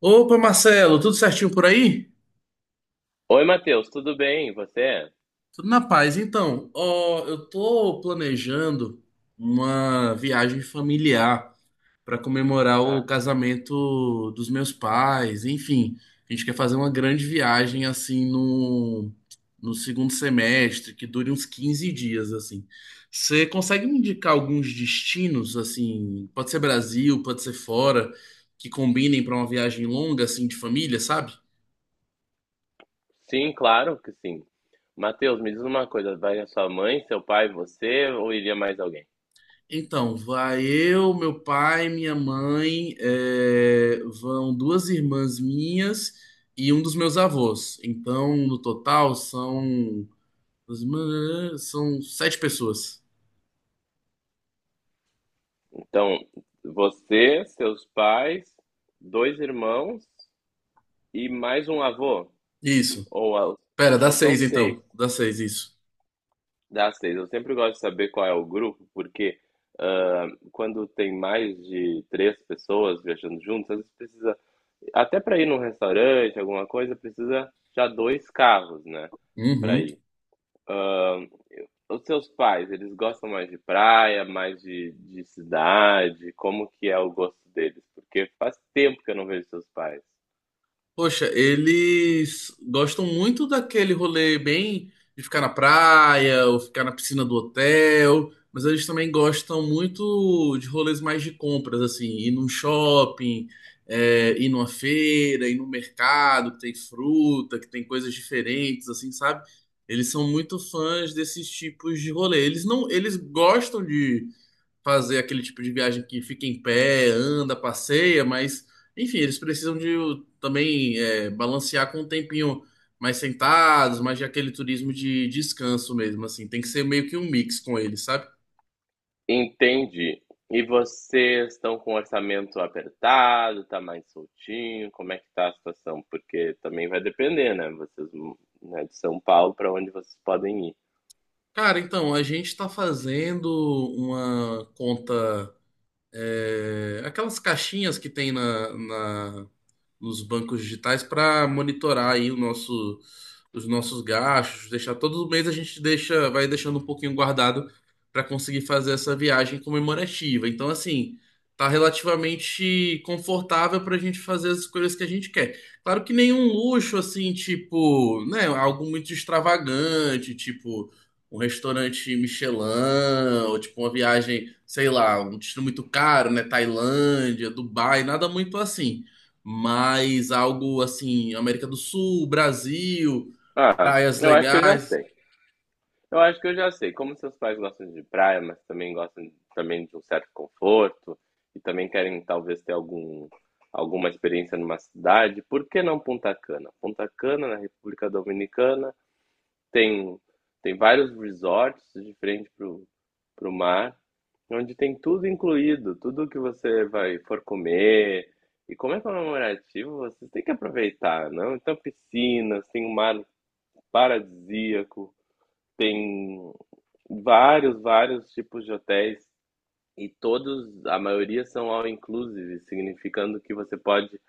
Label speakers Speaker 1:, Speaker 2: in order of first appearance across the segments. Speaker 1: Opa, Marcelo, tudo certinho por aí?
Speaker 2: Oi, Matheus, tudo bem? E você?
Speaker 1: Tudo na paz. Então, ó, eu tô planejando uma viagem familiar para comemorar o
Speaker 2: Ah,
Speaker 1: casamento dos meus pais. Enfim, a gente quer fazer uma grande viagem assim no segundo semestre, que dure uns 15 dias assim. Você consegue me indicar alguns destinos assim? Pode ser Brasil, pode ser fora, que combinem para uma viagem longa assim de família, sabe?
Speaker 2: sim, claro que sim. Matheus, me diz uma coisa, vai a sua mãe, seu pai, você ou iria mais alguém?
Speaker 1: Então, vai eu, meu pai, minha mãe, vão duas irmãs minhas e um dos meus avós. Então, no total, São sete pessoas.
Speaker 2: Então, você, seus pais, dois irmãos e mais um avô?
Speaker 1: Isso.
Speaker 2: Ou a-
Speaker 1: Pera, dá
Speaker 2: então são
Speaker 1: seis
Speaker 2: seis,
Speaker 1: então. Dá seis, isso.
Speaker 2: dá seis. Eu sempre gosto de saber qual é o grupo, porque ah, quando tem mais de três pessoas viajando juntas, às vezes precisa, até para ir num restaurante, alguma coisa, precisa já dois carros, né? Para
Speaker 1: Uhum.
Speaker 2: ir. Hã, os seus pais, eles gostam mais de praia, mais de cidade? Como que é o gosto deles? Porque faz tempo que eu não vejo seus pais.
Speaker 1: Poxa, eles gostam muito daquele rolê bem de ficar na praia ou ficar na piscina do hotel, mas eles também gostam muito de rolês mais de compras, assim, ir num shopping, ir numa feira, ir no mercado que tem fruta, que tem coisas diferentes, assim, sabe? Eles são muito fãs desses tipos de rolê. Eles não, eles gostam fazer aquele tipo de viagem que fica em pé, anda, passeia, mas enfim, eles precisam de também balancear com um tempinho mais sentados, mais de aquele turismo de descanso mesmo, assim, tem que ser meio que um mix com eles, sabe?
Speaker 2: Entendi. E vocês estão com orçamento apertado, tá mais soltinho? Como é que tá a situação? Porque também vai depender, né, vocês, né, de São Paulo para onde vocês podem ir.
Speaker 1: Cara, então, a gente tá fazendo uma conta aquelas caixinhas que tem nos bancos digitais para monitorar aí o nosso, os nossos gastos, deixar todo mês a gente deixa, vai deixando um pouquinho guardado para conseguir fazer essa viagem comemorativa. Então, assim, tá relativamente confortável para a gente fazer as escolhas que a gente quer. Claro que nenhum luxo assim, tipo, né, algo muito extravagante, tipo um restaurante Michelin, ou tipo uma viagem, sei lá, um destino muito caro, né? Tailândia, Dubai, nada muito assim. Mas algo assim, América do Sul, Brasil,
Speaker 2: Ah,
Speaker 1: praias
Speaker 2: eu acho que eu já
Speaker 1: legais,
Speaker 2: sei. Eu acho que eu já sei. Como seus pais gostam de praia, mas também gostam também de um certo conforto e também querem talvez ter algum, alguma experiência numa cidade, por que não Punta Cana? Punta Cana, na República Dominicana, tem, tem vários resorts de frente para o mar, onde tem tudo incluído, tudo que você vai for comer. E como é comemorativo, você tem que aproveitar, não? Então, piscinas, tem um mar paradisíaco, tem vários, vários tipos de hotéis e todos, a maioria são all inclusive, significando que você pode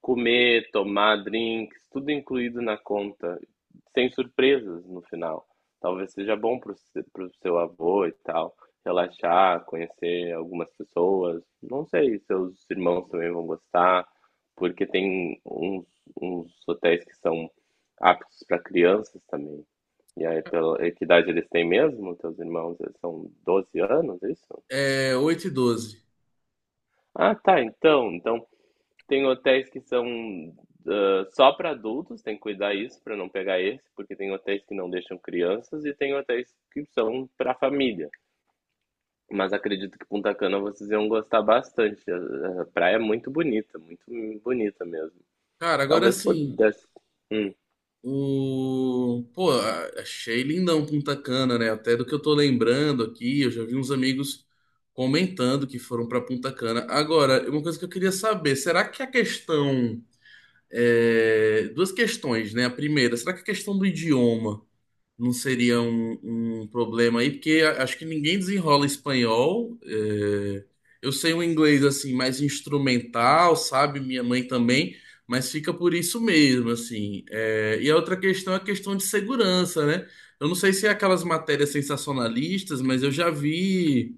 Speaker 2: comer, tomar drinks, tudo incluído na conta, sem surpresas no final. Talvez seja bom para o seu avô e tal, relaxar, conhecer algumas pessoas. Não sei, seus irmãos também vão gostar, porque tem uns, uns hotéis que são aptos para crianças também. E aí, pela e que idade eles têm mesmo, teus irmãos? Eles são 12 anos, é isso?
Speaker 1: é oito e 12.
Speaker 2: Ah, tá, então. Então tem hotéis que são só para adultos, tem que cuidar isso para não pegar esse, porque tem hotéis que não deixam crianças e tem hotéis que são para família. Mas acredito que Punta Cana vocês iam gostar bastante. A praia é muito bonita mesmo.
Speaker 1: Cara, agora
Speaker 2: Talvez
Speaker 1: sim,
Speaker 2: pudesse. Hum.
Speaker 1: o. Pô, achei lindão Punta Cana, né? Até do que eu tô lembrando aqui, eu já vi uns amigos comentando que foram pra Punta Cana. Agora, uma coisa que eu queria saber, será que a questão duas questões, né? A primeira, será que a questão do idioma não seria um problema aí? Porque acho que ninguém desenrola espanhol. Eu sei um inglês assim mais instrumental, sabe? Minha mãe também, mas fica por isso mesmo, assim. E a outra questão é a questão de segurança, né? Eu não sei se é aquelas matérias sensacionalistas, mas eu já vi.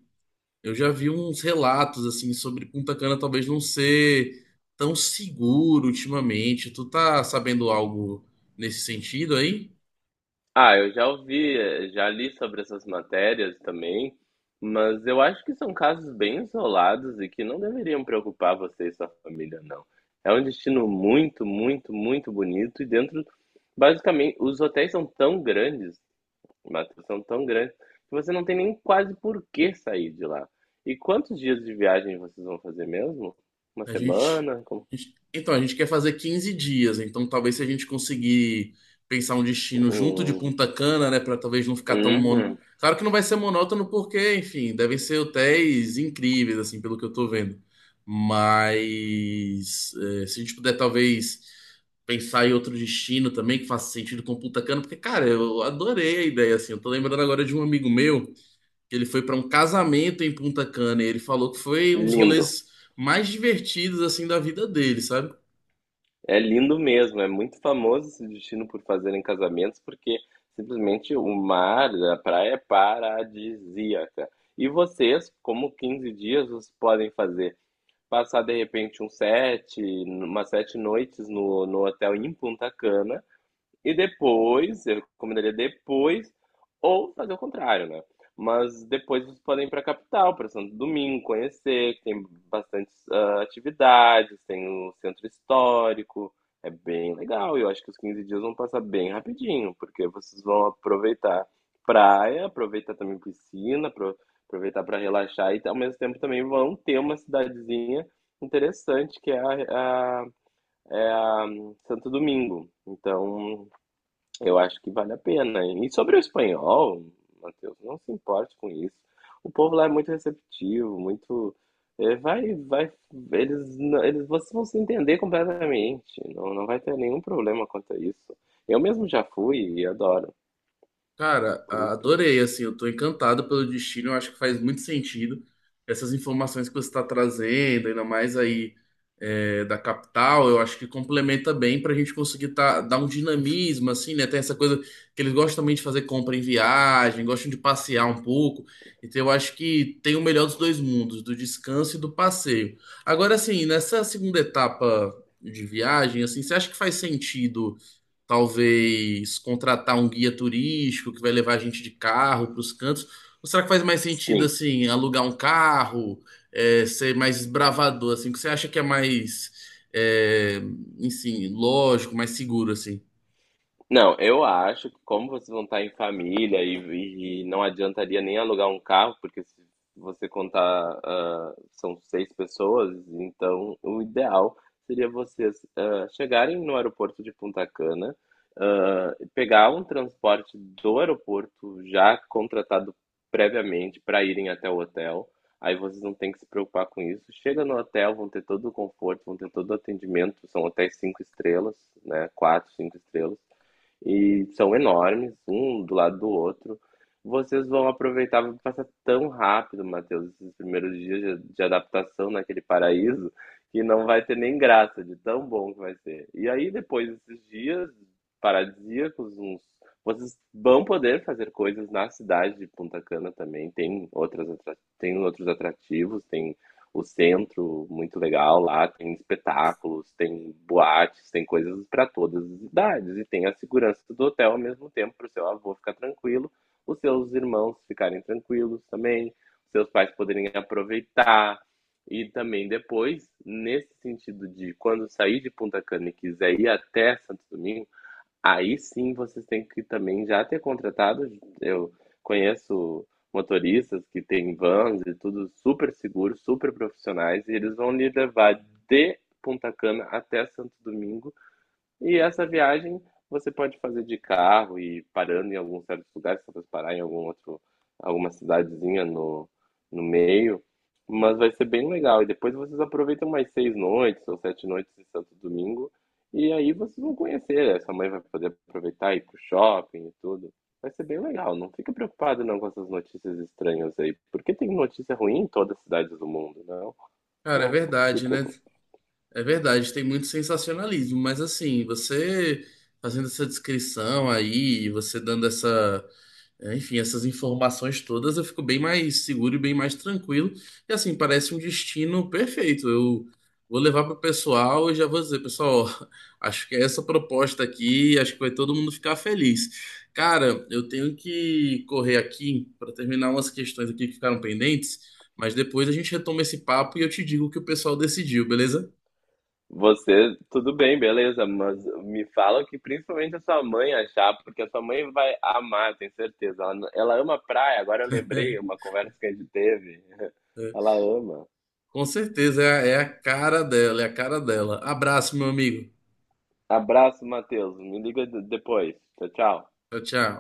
Speaker 1: Eu já vi uns relatos assim sobre Punta Cana talvez não ser tão seguro ultimamente. Tu tá sabendo algo nesse sentido aí?
Speaker 2: Ah, eu já ouvi, já li sobre essas matérias também, mas eu acho que são casos bem isolados e que não deveriam preocupar você e sua família, não. É um destino muito, muito, muito bonito e dentro, basicamente, os hotéis são tão grandes, Matheus, são tão grandes, que você não tem nem quase por que sair de lá. E quantos dias de viagem vocês vão fazer mesmo? Uma
Speaker 1: A gente,
Speaker 2: semana? Como-
Speaker 1: Então, a gente quer fazer 15 dias, então talvez se a gente conseguir pensar um destino junto de
Speaker 2: Um...
Speaker 1: Punta Cana, né, para talvez não ficar tão mono.
Speaker 2: Uhum.
Speaker 1: Claro que não vai ser monótono porque, enfim, devem ser hotéis incríveis, assim, pelo que eu tô vendo. Mas se a gente puder talvez pensar em outro destino também que faça sentido com Punta Cana, porque, cara, eu adorei a ideia, assim. Eu tô lembrando agora de um amigo meu que ele foi para um casamento em Punta Cana e ele falou que foi um dos
Speaker 2: Lindo.
Speaker 1: rolês mais divertidos assim da vida dele, sabe?
Speaker 2: É lindo mesmo, é muito famoso esse destino por fazerem casamentos, porque simplesmente o mar, a praia é paradisíaca. E vocês, como 15 dias, vocês podem fazer? Passar de repente um sete, umas 7 noites no hotel em Punta Cana, e depois, eu recomendaria depois, ou fazer o contrário, né? Mas depois vocês podem ir para a capital, para Santo Domingo, conhecer, que tem bastante atividades, tem o centro histórico, é bem legal. E eu acho que os 15 dias vão passar bem rapidinho, porque vocês vão aproveitar praia, aproveitar também piscina, apro- aproveitar para relaxar e ao mesmo tempo também vão ter uma cidadezinha interessante que é a- é a Santo Domingo. Então, eu acho que vale a pena. E sobre o espanhol, Matheus, não se importe com isso. O povo lá é muito receptivo, muito. É, vai, vai. Eles, não- eles, vocês vão se entender completamente. Não, não vai ter nenhum problema quanto a isso. Eu mesmo já fui e adoro.
Speaker 1: Cara,
Speaker 2: Por isso que.
Speaker 1: adorei, assim, eu tô encantado pelo destino, eu acho que faz muito sentido essas informações que você está trazendo, ainda mais aí da capital, eu acho que complementa bem pra gente conseguir tá, dar um dinamismo, assim, né? Tem essa coisa que eles gostam também de fazer compra em viagem, gostam de passear um pouco, então eu acho que tem o melhor dos dois mundos, do descanso e do passeio. Agora, assim, nessa segunda etapa de viagem, assim, você acha que faz sentido? Talvez contratar um guia turístico que vai levar a gente de carro para os cantos? Ou será que faz mais sentido,
Speaker 2: Sim,
Speaker 1: assim, alugar um carro, ser mais desbravador, assim? O que você acha que é mais, é, enfim, lógico, mais seguro, assim?
Speaker 2: não, eu acho que como vocês vão estar em família e não adiantaria nem alugar um carro, porque se você contar, são seis pessoas, então o ideal seria vocês chegarem no aeroporto de Punta Cana, pegar um transporte do aeroporto já contratado previamente para irem até o hotel. Aí vocês não têm que se preocupar com isso. Chega no hotel, vão ter todo o conforto, vão ter todo o atendimento. São hotéis cinco estrelas, né? Quatro, cinco estrelas e são enormes, um do lado do outro. Vocês vão aproveitar, vai passar tão rápido, Matheus, esses primeiros dias de adaptação naquele paraíso, que não vai ter nem graça de tão bom que vai ser. E aí, depois desses dias paradisíacos, uns, vocês vão poder fazer coisas na cidade de Punta Cana também. Tem outras, atra- tem outros atrativos, tem o centro muito legal lá, tem espetáculos, tem boates, tem coisas para todas as idades e tem a segurança do hotel ao mesmo tempo para o seu avô ficar tranquilo, os seus irmãos ficarem tranquilos também, seus pais poderem aproveitar e também depois nesse sentido de quando sair de Punta Cana e quiser ir até Santo Domingo. Aí sim vocês têm que também já ter contratado. Eu conheço motoristas que têm vans e tudo super seguros, super profissionais, e eles vão lhe levar de Punta Cana até Santo Domingo e essa viagem você pode fazer de carro e parando em alguns certos lugares, talvez parar em algum outro, alguma cidadezinha no, no meio, mas vai ser bem legal. E depois vocês aproveitam mais 6 noites ou 7 noites de Santo Domingo, e aí vocês vão conhecer. A sua mãe vai poder aproveitar e ir pro shopping e tudo. Vai ser bem legal. Não fica preocupado não com essas notícias estranhas aí, porque tem notícia ruim em todas as cidades do mundo, não?
Speaker 1: Cara, é
Speaker 2: Não se
Speaker 1: verdade, né?
Speaker 2: preocupe.
Speaker 1: É verdade, tem muito sensacionalismo, mas assim, você fazendo essa descrição aí, você dando essa enfim, essas informações todas eu fico bem mais seguro e bem mais tranquilo. E assim, parece um destino perfeito. Eu vou levar para o pessoal e já vou dizer, pessoal, ó, acho que é essa proposta aqui, acho que vai todo mundo ficar feliz. Cara, eu tenho que correr aqui para terminar umas questões aqui que ficaram pendentes, mas depois a gente retoma esse papo e eu te digo o que o pessoal decidiu, beleza?
Speaker 2: Você, tudo bem, beleza, mas me fala o que principalmente a sua mãe achar, porque a sua mãe vai amar, tenho certeza. Ela, n- ela ama praia, agora eu lembrei uma conversa que a gente teve.
Speaker 1: É,
Speaker 2: Ela ama.
Speaker 1: com certeza é a cara dela, é a cara dela. Abraço, meu amigo.
Speaker 2: Abraço, Matheus. Me liga de- depois. Tchau, tchau.
Speaker 1: Tchau, tchau.